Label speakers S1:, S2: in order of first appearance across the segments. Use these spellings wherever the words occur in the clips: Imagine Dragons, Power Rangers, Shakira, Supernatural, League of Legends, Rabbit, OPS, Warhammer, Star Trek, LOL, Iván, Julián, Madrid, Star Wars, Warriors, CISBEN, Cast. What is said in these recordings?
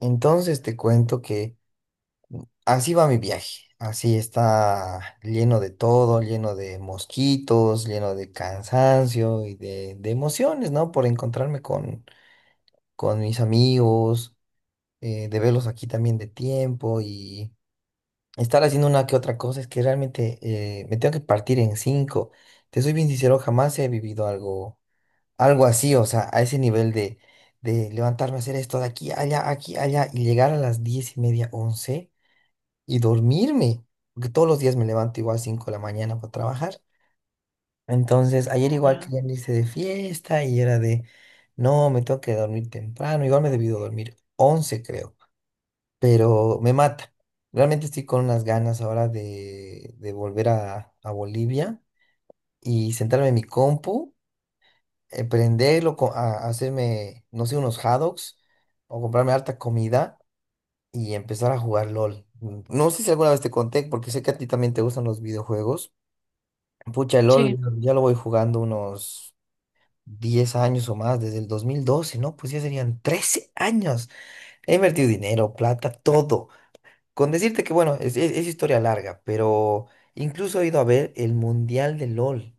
S1: Entonces te cuento que así va mi viaje. Así está lleno de todo, lleno de mosquitos, lleno de cansancio y de emociones, ¿no? Por encontrarme con mis amigos, de verlos aquí también de tiempo y estar haciendo una que otra cosa. Es que realmente me tengo que partir en cinco. Te soy bien sincero, jamás he vivido algo así, o sea, a ese nivel de levantarme a hacer esto de aquí, allá y llegar a las 10:30, 11, y dormirme, porque todos los días me levanto igual 5 de la mañana para trabajar. Entonces, ayer igual
S2: Ya,
S1: querían irse de fiesta y era de, no, me tengo que dormir temprano, igual me he debido dormir 11 creo, pero me mata. Realmente estoy con unas ganas ahora de volver a Bolivia y sentarme en mi compu, prenderlo, a hacerme, no sé, unos hot dogs o comprarme harta comida y empezar a jugar LOL. No sé si alguna vez te conté, porque sé que a ti también te gustan los videojuegos. Pucha, el LOL
S2: sí,
S1: ya lo voy jugando unos 10 años o más, desde el 2012, ¿no? Pues ya serían 13 años. He invertido dinero, plata, todo. Con decirte que, bueno, es historia larga, pero incluso he ido a ver el Mundial de LOL,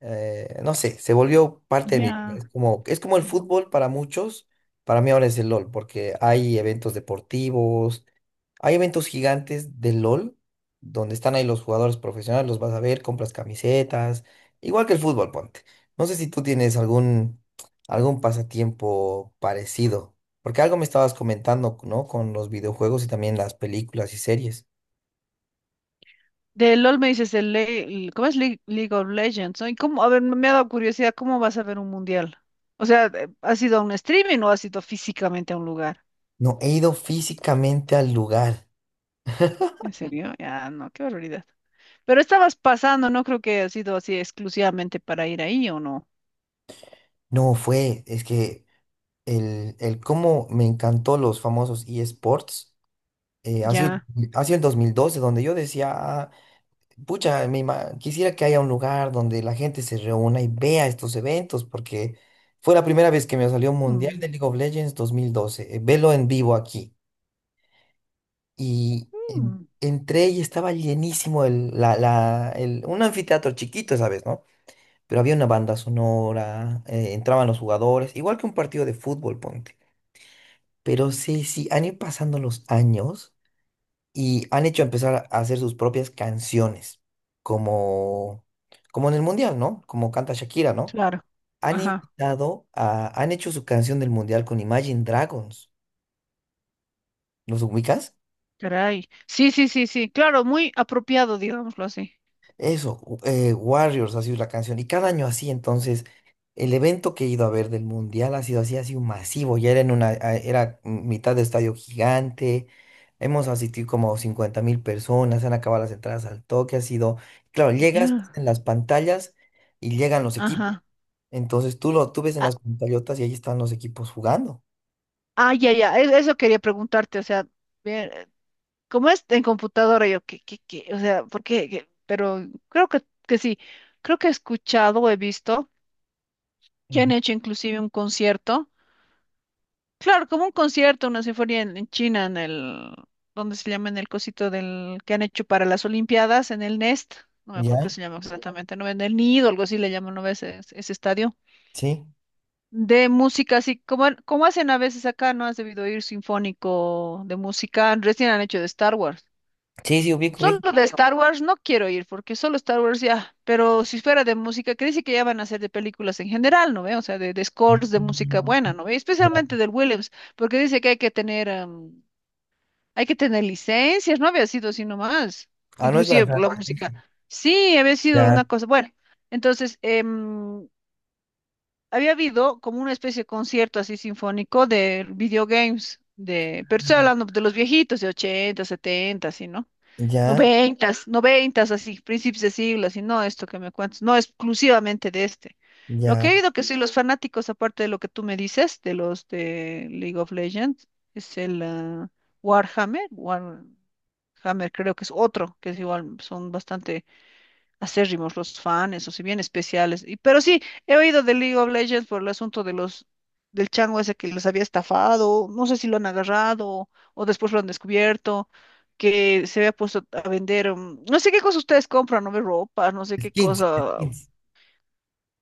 S1: no sé, se volvió parte de mi vida.
S2: ya.
S1: Es como el fútbol para muchos, para mí ahora es el LOL, porque hay eventos deportivos, hay eventos gigantes del LOL, donde están ahí los jugadores profesionales, los vas a ver, compras camisetas, igual que el fútbol, ponte. No sé si tú tienes algún pasatiempo parecido, porque algo me estabas comentando, ¿no? Con los videojuegos y también las películas y series.
S2: De LOL me dices, ¿cómo es League of Legends? ¿No? ¿Y cómo? A ver, me ha dado curiosidad, ¿cómo vas a ver un mundial? O sea, ¿has ido a un streaming o has ido físicamente a un lugar?
S1: No, he ido físicamente al lugar.
S2: ¿En serio? Ya, no, qué barbaridad. Pero estabas pasando, no creo que ha sido así exclusivamente para ir ahí o no.
S1: No fue, es que el cómo me encantó los famosos eSports. eh, ha sido,
S2: Ya.
S1: ha sido el 2012, donde yo decía, "Ah, pucha, quisiera que haya un lugar donde la gente se reúna y vea estos eventos, porque fue la primera vez que me salió Mundial de
S2: Mm,
S1: League of Legends 2012, velo en vivo aquí. Y en-
S2: mm,
S1: entré y estaba llenísimo el, la- el- un anfiteatro chiquito, ¿sabes? ¿No? Pero había una banda sonora, entraban los jugadores, igual que un partido de fútbol, ponte. Pero sí, sí, han ido pasando los años y han hecho empezar a hacer sus propias canciones, como, como en el Mundial, ¿no? Como canta Shakira, ¿no?
S2: claro. Ajá,
S1: Han hecho su canción del Mundial con Imagine Dragons. ¿Los ubicas?
S2: caray. Sí, sí, sí, sí. Claro, muy apropiado, digámoslo así.
S1: Eso, Warriors ha sido la canción. Y cada año así. Entonces, el evento que he ido a ver del Mundial ha sido así, ha sido masivo. Ya era en una, a- era mitad de estadio gigante. Hemos asistido como 50.000 personas, se han acabado las entradas al toque, ha sido. Claro, llegas
S2: Ya.
S1: en las pantallas y llegan los equipos.
S2: Ajá.
S1: Entonces tú ves en
S2: Ah,
S1: las pantallotas y ahí están los equipos jugando.
S2: ah, ya, ya. Eso quería preguntarte, o sea. Ver, como es en computadora, yo, ¿qué? O sea, ¿por qué? ¿Qué? Pero creo que sí, creo que he escuchado o he visto que han
S1: Ujú.
S2: hecho inclusive un concierto, claro, como un concierto, una sinfonía en, China, en el, ¿dónde se llama? En el cosito del, que han hecho para las Olimpiadas, en el Nest, no me acuerdo
S1: ¿Ya?
S2: qué se llama exactamente, no, en el Nido, algo así le llaman, ¿no ves ese estadio?
S1: Sí.
S2: De música, así como hacen a veces acá, ¿no? Has debido oír sinfónico de música, recién han hecho de Star Wars.
S1: Sí, sí, ubico,
S2: Solo
S1: ubico.
S2: de Star Wars no quiero ir, porque solo Star Wars ya, pero si fuera de música, que dice que ya van a hacer de películas en general, ¿no ve? O sea, de, scores de música buena,
S1: Mm.
S2: ¿no ve?
S1: Ya.
S2: Especialmente del Williams, porque dice que hay que tener, hay que tener licencias, no había sido así nomás,
S1: Ah, no es
S2: inclusive
S1: lanzar.
S2: la música. Sí, había sido
S1: Ya,
S2: una cosa, bueno, entonces, había habido como una especie de concierto así sinfónico de videogames, de, pero estoy hablando de los viejitos de 80, 70, así, ¿no?
S1: ya,
S2: Noventas, noventas, así, principios de siglo, así, no esto que me cuentas, no exclusivamente de este. Lo que
S1: ya.
S2: he oído que soy los fanáticos, aparte de lo que tú me dices, de los de League of Legends, es el Warhammer, Warhammer creo que es otro, que es igual, son bastante acérrimos los fans, o si bien especiales. Y pero sí, he oído de League of Legends por el asunto de los del chango ese que los había estafado, no sé si lo han agarrado o después lo han descubierto, que se había puesto a vender, no sé qué cosas ustedes compran, no ve, ropa, no sé qué
S1: Skins,
S2: cosa,
S1: skins.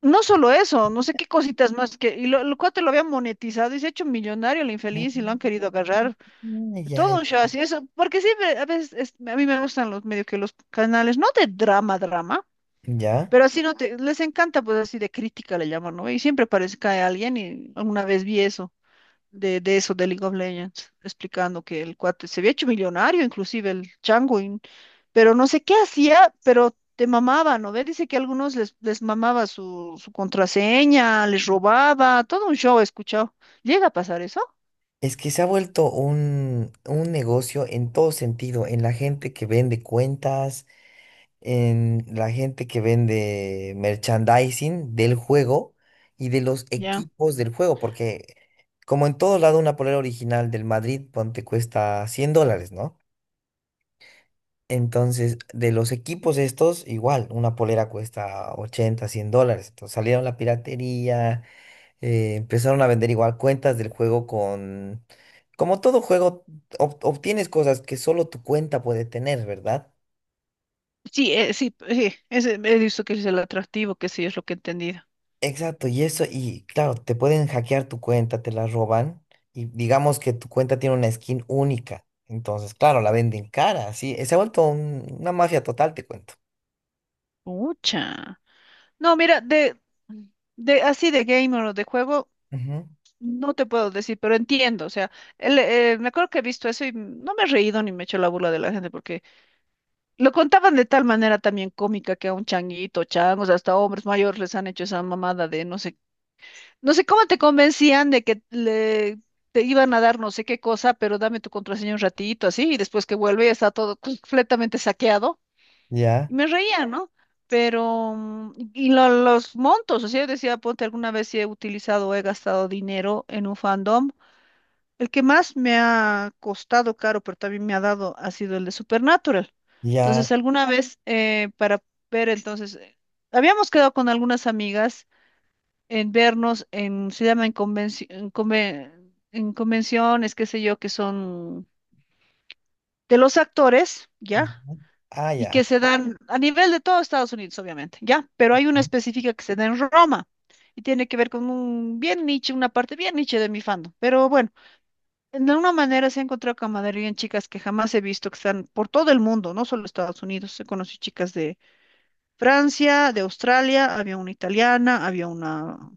S2: no solo eso, no sé qué cositas más que, y lo, el cuate lo había monetizado y se ha hecho millonario el
S1: Ah,
S2: infeliz y lo han querido agarrar,
S1: ya,
S2: todo un show así, eso, porque sí, a veces a mí me gustan los medio que los canales, no de drama, drama,
S1: ya.
S2: pero así no te, les encanta, pues así de crítica le llaman, ¿no? Y siempre parece que hay alguien y alguna vez vi eso, de eso, de League of Legends, explicando que el cuate se había hecho millonario, inclusive el chango, y pero no sé qué hacía, pero te mamaba, ¿no? Ve, dice que a algunos les, les mamaba su, su contraseña, les robaba, todo un show he escuchado. ¿Llega a pasar eso?
S1: Es que se ha vuelto un negocio en todo sentido, en la gente que vende cuentas, en la gente que vende merchandising del juego y de los
S2: Ya.
S1: equipos del juego, porque como en todo lado una polera original del Madrid, ponte, cuesta 100 dólares, ¿no? Entonces, de los equipos estos, igual, una polera cuesta 80, 100 dólares. Entonces salieron la piratería, empezaron a vender igual cuentas del juego con... Como todo juego, obtienes cosas que solo tu cuenta puede tener, ¿verdad?
S2: Sí, sí, sí, ese, he visto que es el atractivo, que sí es lo que he entendido.
S1: Exacto, y eso, y claro, te pueden hackear tu cuenta, te la roban, y digamos que tu cuenta tiene una skin única. Entonces, claro, la venden cara, sí. Se ha vuelto una mafia total, te cuento.
S2: Mucha. No, mira, de, así de gamer o de juego,
S1: Ujú.
S2: no te puedo decir, pero entiendo. O sea, me acuerdo que he visto eso y no me he reído ni me he hecho la burla de la gente porque lo contaban de tal manera también cómica que a un changuito, changos, hasta hombres mayores les han hecho esa mamada de no sé, no sé cómo te convencían de que le te iban a dar no sé qué cosa, pero dame tu contraseña un ratito así y después que vuelve ya está todo completamente saqueado. Y
S1: Ya,
S2: me reía, ¿no? Pero, y los montos, o sea, yo decía, ponte, alguna vez si he utilizado o he gastado dinero en un fandom. El que más me ha costado caro, pero también me ha dado, ha sido el de Supernatural.
S1: ya.
S2: Entonces, alguna Ujú. Vez, para ver, entonces, habíamos quedado con algunas amigas en vernos en, se llama en en convenciones, qué sé yo, que son de los actores, ¿ya?
S1: Ujú. Ah,
S2: Y que
S1: ya.
S2: se dan a nivel de todo Estados Unidos, obviamente, ¿ya? Pero hay una específica que se da en Roma y tiene que ver con un bien niche, una parte bien niche de mi fandom. Pero bueno, de alguna manera se ha encontrado camaradería en chicas que jamás he visto, que están por todo el mundo, no solo Estados Unidos. He conocido chicas de Francia, de Australia, había una italiana, había una.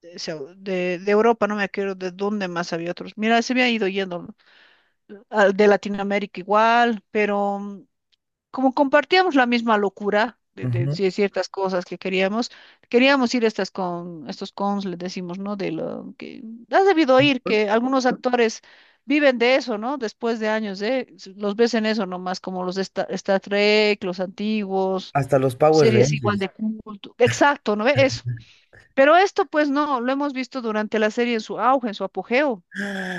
S2: De, de Europa, no me acuerdo de dónde más había otros. Mira, se me ha ido yendo de Latinoamérica igual, pero mm, como compartíamos la misma locura de,
S1: Ujú.
S2: sí, de ciertas cosas que queríamos, queríamos ir a estas estos cons, le decimos, ¿no? De lo que has debido oír,
S1: Ujú.
S2: que algunos actores viven de eso, ¿no? Después de años, ¿eh? Los ves en eso nomás, como los de Star Trek, los antiguos,
S1: Hasta los Power
S2: series igual
S1: Rangers.
S2: de culto. Exacto, ¿no ve? Eso. Pero esto, pues no, lo hemos visto durante la serie en su auge, en su apogeo,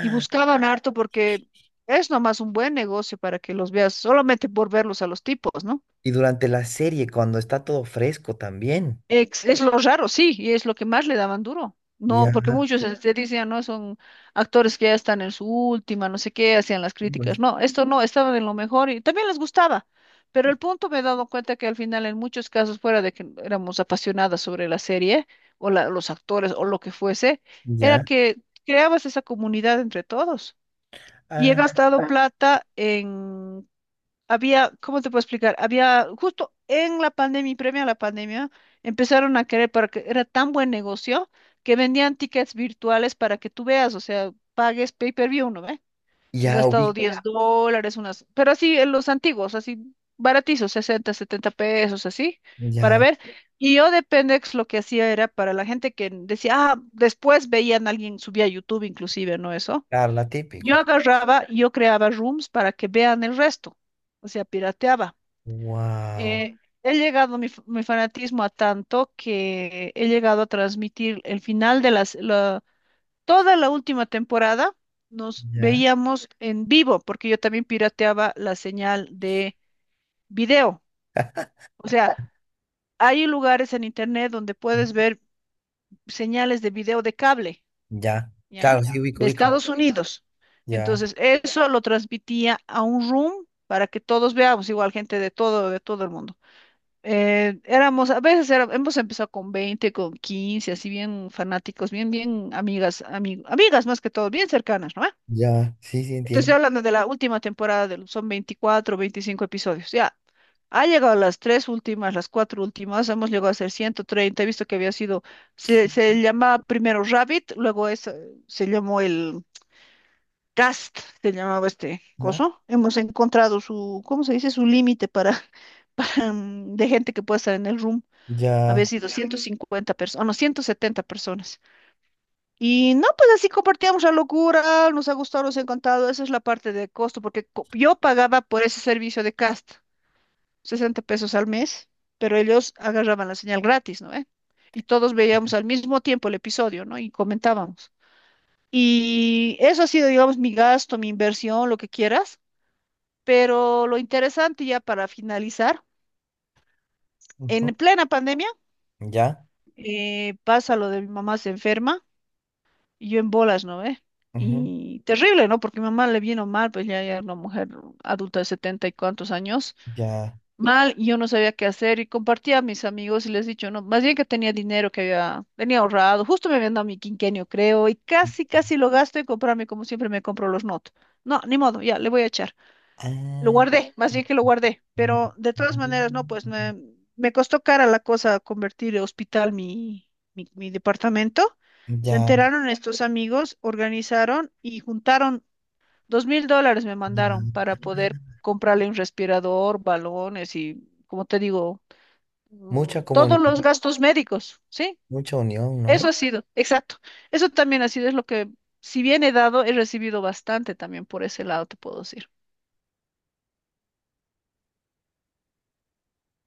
S2: y buscaban harto porque es nomás un buen negocio para que los veas, solamente por verlos a los tipos, ¿no?
S1: Y durante la serie, cuando está todo fresco también.
S2: Es lo raro, sí, y es lo que más le daban duro. No,
S1: Ya,
S2: porque muchos te decían, no, son actores que ya están en su última, no sé qué, hacían las
S1: sí,
S2: críticas.
S1: pues,
S2: No, esto no, estaban en lo mejor y también les gustaba. Pero el punto, me he dado cuenta que al final en muchos casos, fuera de que éramos apasionadas sobre la serie o los actores o lo que fuese, era
S1: ya.
S2: que creabas esa comunidad entre todos. Y he
S1: Ah,
S2: gastado plata en había, ¿cómo te puedo explicar? Había, justo en la pandemia y previa a la pandemia, empezaron a querer, porque era tan buen negocio, que vendían tickets virtuales para que tú veas, o sea, pagues pay-per-view, ¿no ve? He
S1: ya
S2: gastado
S1: ubico,
S2: $10, unas, pero así, en los antiguos, así, baratizos, 60 70 pesos, así, para
S1: ya.
S2: ver. Y yo de Pendex lo que hacía era para la gente que decía, ah, después veían a alguien, subía a YouTube inclusive, ¿no? Eso
S1: Claro, la
S2: yo
S1: típica.
S2: agarraba, y yo creaba rooms para que vean el resto, o sea, pirateaba.
S1: Wow,
S2: Eh, he llegado mi, mi fanatismo a tanto que he llegado a transmitir el final de toda la última temporada, nos
S1: ya,
S2: veíamos en vivo, porque yo también pirateaba la señal de video. O sea, hay lugares en internet donde puedes ver señales de video de cable.
S1: ya.
S2: ¿Ya?
S1: Claro, sí, ubico,
S2: De
S1: ubico.
S2: Estados Unidos.
S1: Ya,
S2: Entonces, eso lo transmitía a un room para que todos veamos, igual gente de todo el mundo. Éramos, a veces era, hemos empezado con 20 con 15 así bien fanáticos, bien, bien amigas, amigas más que todo, bien cercanas, ¿no?
S1: ya, sí, sí,
S2: Te estoy
S1: entiendo.
S2: hablando de la última temporada, del son 24 25 episodios, ya. Ha llegado las tres últimas, las cuatro últimas, hemos llegado a ser 130, he visto que había sido, se llamaba primero Rabbit, luego es, se llamó el, Cast se llamaba este
S1: Ajá.
S2: coso. Hemos encontrado su, ¿cómo se dice? Su límite para de gente que puede estar en el room. Había
S1: Ya,
S2: sido 150 personas, no, 170 personas. Y no, pues así compartíamos la locura, nos ha gustado, nos ha encantado. Esa es la parte de costo, porque yo pagaba por ese servicio de cast, 60 pesos al mes, pero ellos agarraban la señal gratis, ¿no ve? Y todos veíamos al mismo tiempo el episodio, ¿no? Y comentábamos. Y eso ha sido, digamos, mi gasto, mi inversión, lo que quieras. Pero lo interesante ya para finalizar,
S1: ujú,
S2: en plena pandemia,
S1: ya,
S2: pasa lo de mi mamá se enferma y yo en bolas, ¿no ve?
S1: ujú,
S2: Y terrible, ¿no? Porque mi mamá le vino mal, pues ya era una mujer adulta de setenta y cuantos años,
S1: ya.
S2: mal, y yo no sabía qué hacer y compartía a mis amigos y les he dicho, no, más bien que tenía dinero que había, tenía ahorrado, justo me habían dado mi quinquenio, creo, y casi, casi lo gasto en comprarme como siempre me compro los not. No, ni modo, ya, le voy a echar. Lo
S1: Ah,
S2: guardé, más bien que lo guardé, pero de todas maneras, no, pues me costó cara la cosa convertir en hospital mi, departamento. Se
S1: ya,
S2: enteraron estos amigos, organizaron y juntaron $2,000, me mandaron
S1: ya.
S2: para poder comprarle un respirador, balones y, como te digo,
S1: Mucha
S2: todos los
S1: comunidad,
S2: gastos médicos, ¿sí?
S1: mucha unión,
S2: Eso
S1: ¿no?
S2: ha sido, exacto. Eso también ha sido, es lo que, si bien he dado, he recibido bastante también por ese lado, te puedo decir.